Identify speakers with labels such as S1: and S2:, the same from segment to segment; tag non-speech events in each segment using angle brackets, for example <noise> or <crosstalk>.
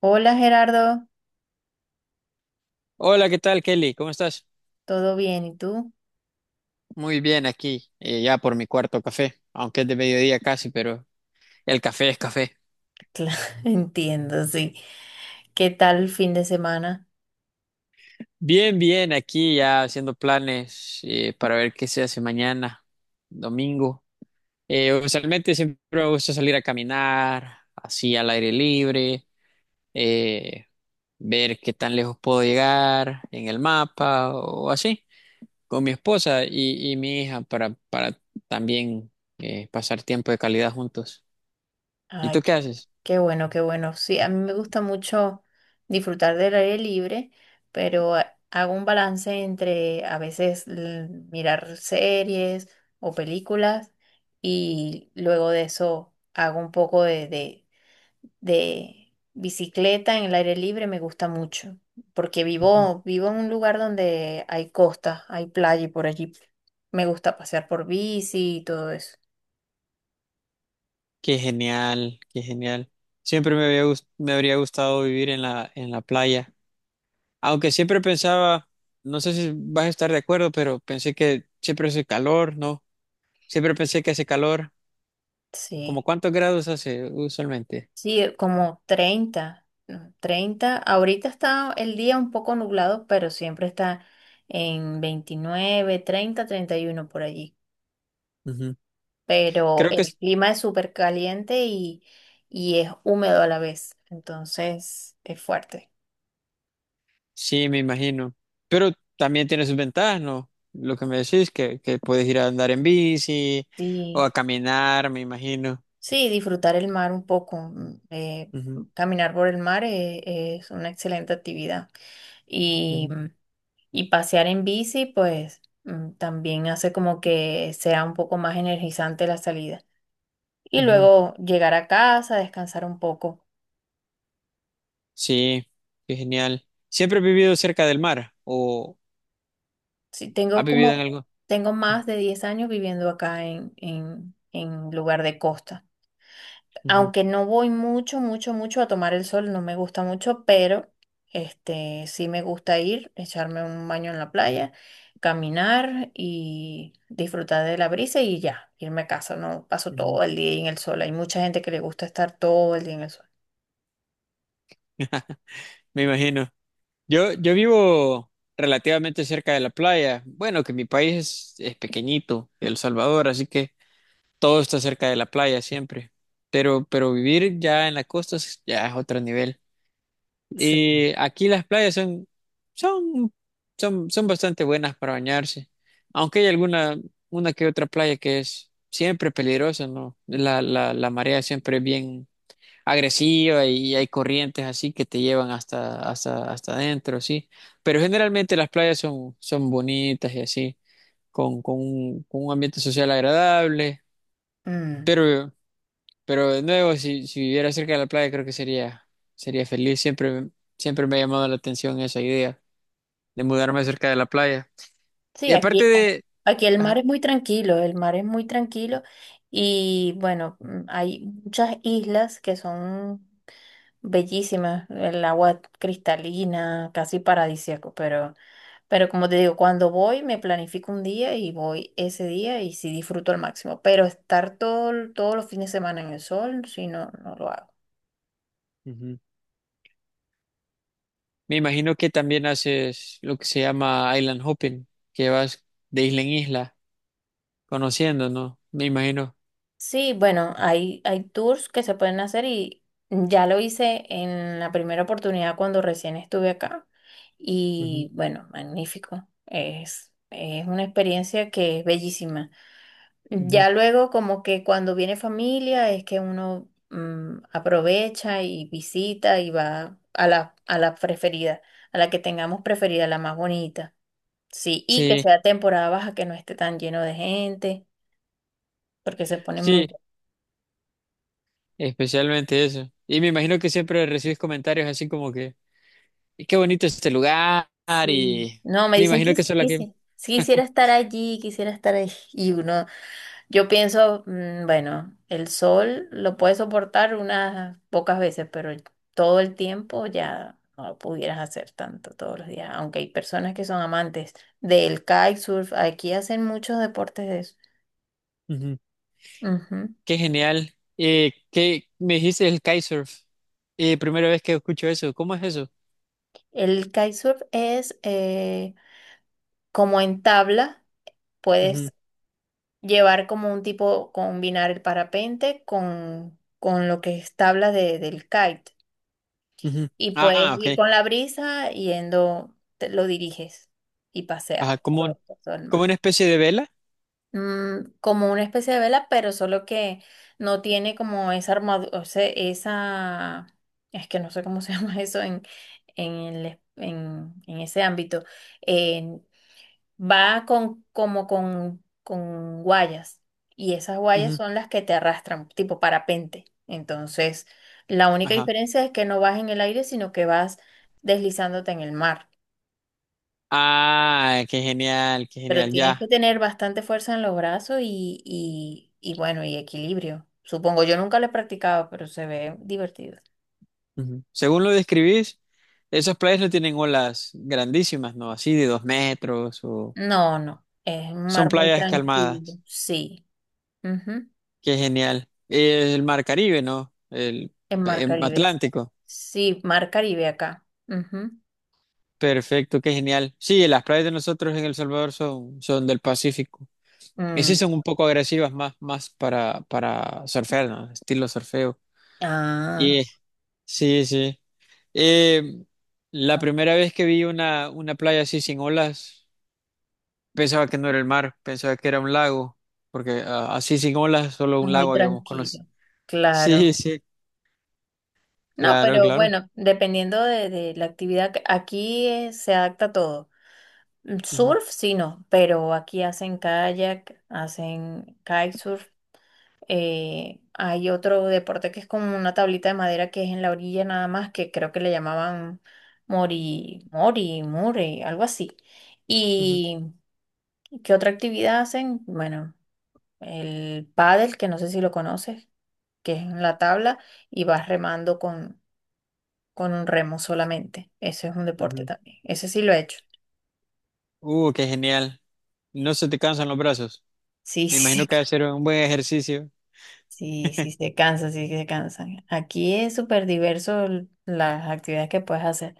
S1: Hola, Gerardo.
S2: Hola, ¿qué tal, Kelly? ¿Cómo estás?
S1: ¿Todo bien? ¿Y tú?
S2: Muy bien aquí, ya por mi cuarto café, aunque es de mediodía casi, pero el café es café.
S1: Claro, <laughs> entiendo, sí. ¿Qué tal el fin de semana?
S2: Bien, bien, aquí ya haciendo planes para ver qué se hace mañana, domingo. Usualmente siempre me gusta salir a caminar, así al aire libre, eh, ver qué tan lejos puedo llegar en el mapa o así, con mi esposa y mi hija para también pasar tiempo de calidad juntos. ¿Y tú
S1: Ay,
S2: qué haces?
S1: qué bueno, qué bueno. Sí, a mí me gusta mucho disfrutar del aire libre, pero hago un balance entre a veces mirar series o películas, y luego de eso hago un poco de bicicleta. En el aire libre me gusta mucho, porque
S2: Ujú.
S1: vivo en un lugar donde hay costa, hay playa y por allí me gusta pasear por bici y todo eso.
S2: Qué genial, qué genial. Siempre me habría gustado vivir en en la playa. Aunque siempre pensaba, no sé si vas a estar de acuerdo, pero pensé que siempre hace calor, ¿no? Siempre pensé que hace calor. ¿Como
S1: Sí,
S2: cuántos grados hace usualmente?
S1: sí, como 30, ¿no? 30. Ahorita está el día un poco nublado, pero siempre está en 29, 30, 31 por allí.
S2: Ujú.
S1: Pero
S2: Creo que
S1: el clima es súper caliente y es húmedo a la vez, entonces es fuerte.
S2: sí, me imagino. Pero también tiene sus ventajas, ¿no? Lo que me decís, que puedes ir a andar en bici o a
S1: Sí.
S2: caminar, me imagino.
S1: Sí, disfrutar el mar un poco.
S2: Ujú,
S1: Caminar por el mar, es una excelente actividad. Y,
S2: ujú,
S1: mm, y pasear en bici, pues, también hace como que sea un poco más energizante la salida. Y
S2: ujú.
S1: luego llegar a casa, descansar un poco.
S2: Sí, qué genial. ¿Siempre has vivido cerca del mar o
S1: Sí,
S2: has vivido en algo?
S1: tengo más de 10 años viviendo acá en, en lugar de costa.
S2: Ujú,
S1: Aunque no voy mucho, mucho, mucho a tomar el sol, no me gusta mucho, pero este sí me gusta ir, echarme un baño en la playa, caminar y disfrutar de la brisa y ya, irme a casa. No paso
S2: ujú.
S1: todo el día ahí en el sol. Hay mucha gente que le gusta estar todo el día en el sol.
S2: Me imagino. Yo vivo relativamente cerca de la playa. Bueno, que mi país es pequeñito, El Salvador, así que todo está cerca de la playa siempre. Pero vivir ya en la costa es- ya es otro nivel.
S1: Sí.
S2: Y aquí las playas son, son, son, son bastante buenas para bañarse, aunque hay alguna, una que otra playa que es siempre peligrosa, ¿no? La marea siempre es bien agresiva y hay corrientes así que te llevan hasta, hasta, hasta adentro, sí. Pero generalmente las playas son, son bonitas y así, con un ambiente social agradable,
S1: Mm,
S2: pero de nuevo, si viviera cerca de la playa, creo que sería, sería feliz. Siempre, siempre me ha llamado la atención esa idea de mudarme cerca de la playa.
S1: sí,
S2: Y aparte de,
S1: aquí el mar
S2: ajá,
S1: es muy tranquilo, el mar es muy tranquilo. Y bueno, hay muchas islas que son bellísima, el agua cristalina, casi paradisíaco, pero, como te digo, cuando voy me planifico un día y voy ese día y sí disfruto al máximo. Pero estar todo, todos los fines de semana en el sol, sí, no, no lo hago.
S2: ujú. Me imagino que también haces lo que se llama island hopping, que vas de isla en isla, conociendo, ¿no? Me imagino.
S1: Sí, bueno, hay tours que se pueden hacer, y ya lo hice en la primera oportunidad cuando recién estuve acá.
S2: Ujú,
S1: Y bueno, magnífico, es una experiencia que es bellísima.
S2: ujú.
S1: Ya luego, como que cuando viene familia es que uno, aprovecha y visita y va a la preferida, a la que tengamos preferida, la más bonita. Sí, y que
S2: Sí,
S1: sea temporada baja, que no esté tan lleno de gente, porque se pone
S2: sí,
S1: muy.
S2: especialmente eso. Y me imagino que siempre recibes comentarios así como que, "Y qué bonito es este lugar
S1: Sí.
S2: y
S1: No, me
S2: me
S1: dicen que
S2: imagino que eso es la que..."
S1: quisiera estar allí, quisiera estar ahí. Y uno. Yo pienso, bueno, el sol lo puedes soportar unas pocas veces, pero todo el tiempo ya no lo pudieras hacer tanto, todos los días. Aunque hay personas que son amantes del kitesurf. Aquí hacen muchos deportes de eso.
S2: Ujú.
S1: Ujú.
S2: Qué genial. ¿Qué me dijiste, el kitesurf? Primera vez que escucho eso. ¿Cómo es eso?
S1: El kitesurf es, como en tabla,
S2: Ujú,
S1: puedes llevar como un tipo, combinar el parapente con lo que es tabla del kite.
S2: ujú.
S1: Y puedes
S2: Ah,
S1: ir
S2: ok.
S1: con la brisa yendo, lo diriges y paseas
S2: Ajá, como, un-
S1: por todo, todo el
S2: como
S1: mar.
S2: una especie de vela.
S1: Como una especie de vela, pero solo que no tiene como esa armadura, o sea, esa, es que no sé cómo <laughs> se llama eso en, en ese ámbito. Va como con guayas. Y esas guayas
S2: Ujú,
S1: son las que te arrastran, tipo parapente. Entonces, la única
S2: ajá.
S1: diferencia es que no vas en el aire, sino que vas deslizándote en el mar.
S2: Ah, qué genial, qué
S1: Pero
S2: genial.
S1: tienes que
S2: Ya.
S1: tener bastante fuerza en los brazos y bueno, y equilibrio. Supongo, yo nunca lo he practicado, pero se ve divertido.
S2: Ujú. Según lo describís, esas playas no tienen olas grandísimas, ¿no? Así de dos metros o
S1: No, no, es un
S2: son
S1: mar muy
S2: playas
S1: tranquilo.
S2: calmadas.
S1: Sí, ujú.
S2: Qué genial. El mar Caribe, ¿no?
S1: En mar
S2: El
S1: Caribe.
S2: Atlántico.
S1: Sí, mar Caribe acá. Ujú.
S2: Perfecto, qué genial. Sí, las playas de nosotros en El Salvador son, son del Pacífico. Y sí
S1: Mm.
S2: son un poco agresivas más, más para surfear, ¿no? Estilo surfeo.
S1: Ah,
S2: Y sí, sí. Eh, la
S1: ah,
S2: primera vez que vi una playa así sin olas, pensaba que no era el mar, pensaba que era un lago, porque así sin olas, solo un
S1: muy
S2: lago habíamos conocido.
S1: tranquilo,
S2: Sí,
S1: claro.
S2: sí,
S1: No,
S2: claro,
S1: pero
S2: claro.
S1: bueno, dependiendo de la actividad, aquí, se adapta a todo. Mm,
S2: Ujú,
S1: surf, sí, no, pero aquí hacen kayak, hacen kitesurf. Hay otro deporte que es como una tablita de madera que es en la orilla nada más, que creo que le llamaban mori, mori, muri, algo así.
S2: ujú,
S1: ¿Y qué otra actividad hacen? Bueno, el pádel, que no sé si lo conoces, que es en la tabla, y vas remando con un remo solamente. Eso es un deporte
S2: ujú.
S1: también. Ese sí lo he hecho.
S2: Qué genial. No se te cansan los brazos.
S1: Sí, <laughs>
S2: Me
S1: sí,
S2: imagino que va a ser un buen ejercicio.
S1: sí, sí se cansa, sí se cansan. Aquí es súper diverso las actividades que puedes hacer.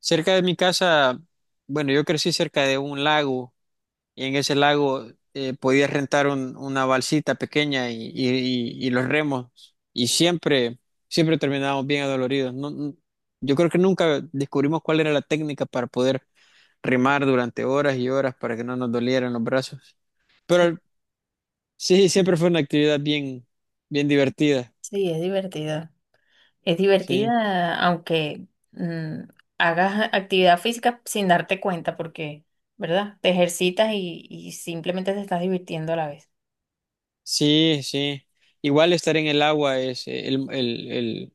S2: Cerca de mi casa, bueno, yo crecí cerca de un lago y en ese lago podías rentar una balsita pequeña y los remos y siempre, siempre terminábamos bien adoloridos. Yo creo que nunca descubrimos cuál era la técnica para poder remar durante horas y horas para que no nos dolieran los brazos.
S1: Sí,
S2: Pero sí, siempre fue una actividad bien, bien divertida.
S1: sí, es divertido. Es
S2: Sí,
S1: divertida, aunque, mm, hagas actividad física sin darte cuenta, porque, ¿verdad? Te ejercitas y simplemente te estás divirtiendo a la vez.
S2: sí, sí. Igual estar en el agua es el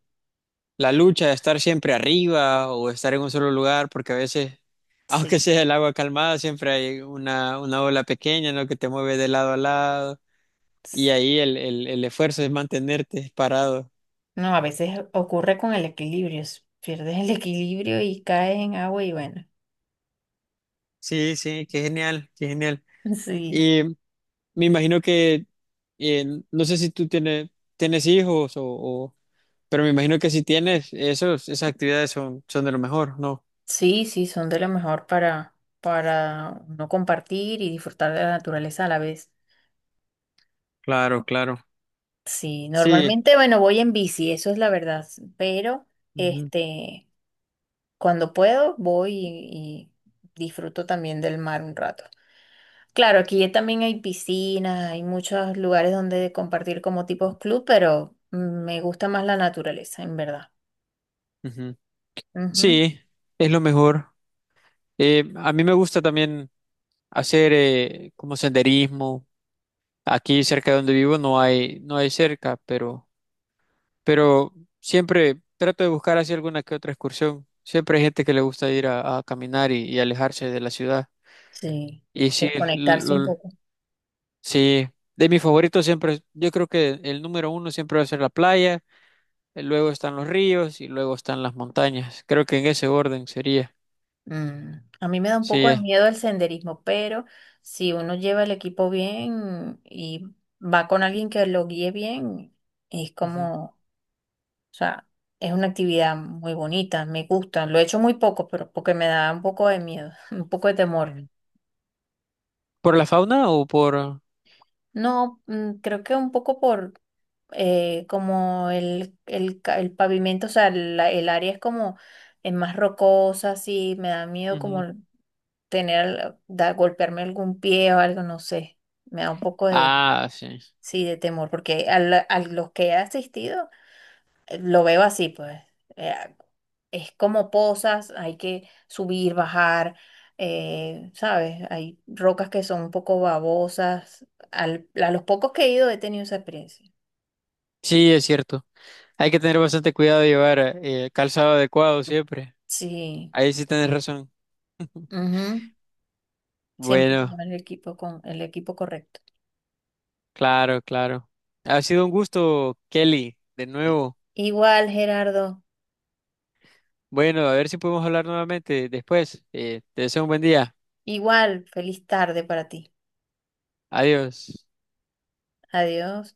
S2: la lucha de estar siempre arriba o estar en un solo lugar, porque a veces, <laughs> aunque
S1: Sí.
S2: sea el agua calmada, siempre hay una ola pequeña, ¿no?, que te mueve de lado a lado y ahí el esfuerzo es mantenerte parado.
S1: No, a veces ocurre con el equilibrio, pierdes el equilibrio y caes en agua y bueno,
S2: Sí, sí, qué genial, qué genial.
S1: <laughs> sí,
S2: Y me imagino que, eh, no sé si tú tienes, tienes hijos pero me imagino que si tienes, esos, esas actividades son, son de lo mejor, ¿no?
S1: sí, sí, son de lo mejor para, no compartir y disfrutar de la naturaleza a la vez.
S2: Claro, claro.
S1: Sí,
S2: Sí.
S1: normalmente, bueno, voy en bici, eso es la verdad, pero
S2: Ujú,
S1: este, cuando puedo voy y disfruto también del mar un rato. Claro, aquí también hay piscinas, hay muchos lugares donde compartir como tipos club, pero, me gusta más la naturaleza, en verdad.
S2: ujú. Sí, es lo mejor. A mí me gusta también hacer como senderismo. Aquí cerca de donde vivo no hay, no hay cerca, pero siempre trato de buscar así alguna que otra excursión. Siempre hay gente que le gusta ir a caminar y alejarse de la ciudad.
S1: Sí,
S2: Y sí,
S1: desconectarse un poco.
S2: sí, de mis favoritos siempre, yo creo que el número uno siempre va a ser la playa, luego están los ríos y luego están las montañas. Creo que en ese orden sería.
S1: Mm, A mí me da un
S2: Sí,
S1: poco de miedo el senderismo, pero si uno lleva el equipo bien y va con alguien que lo guíe bien, es
S2: ujú.
S1: como, o sea, es una actividad muy bonita, me gusta. Lo he hecho muy poco, pero porque me da un poco de miedo, <laughs> un poco de temor.
S2: Ujú. ¿Por la fauna o por...?
S1: No, creo que un poco por, como el pavimento, o sea, el área es como, es más rocosa, así, me da miedo como
S2: Ujú.
S1: tener, golpearme algún pie o algo, no sé. Me da un poco de,
S2: Ah, sí.
S1: sí, de temor, porque a los que he asistido, lo veo así, pues. eh, es como pozas, hay que subir, bajar, ¿sabes? Hay rocas que son un poco babosas. A los pocos que he ido he tenido esa experiencia.
S2: Sí, es cierto. Hay que tener bastante cuidado de llevar calzado adecuado siempre.
S1: Sí.
S2: Ahí sí tienes razón.
S1: Ujú. Siempre hay que
S2: Bueno,
S1: llevar el equipo con el equipo correcto.
S2: claro, claro. Ha sido un gusto, Kelly, de nuevo.
S1: Igual, Gerardo.
S2: Bueno, a ver si podemos hablar nuevamente después. Te deseo un buen día.
S1: Igual, feliz tarde para ti.
S2: Adiós.
S1: Adiós.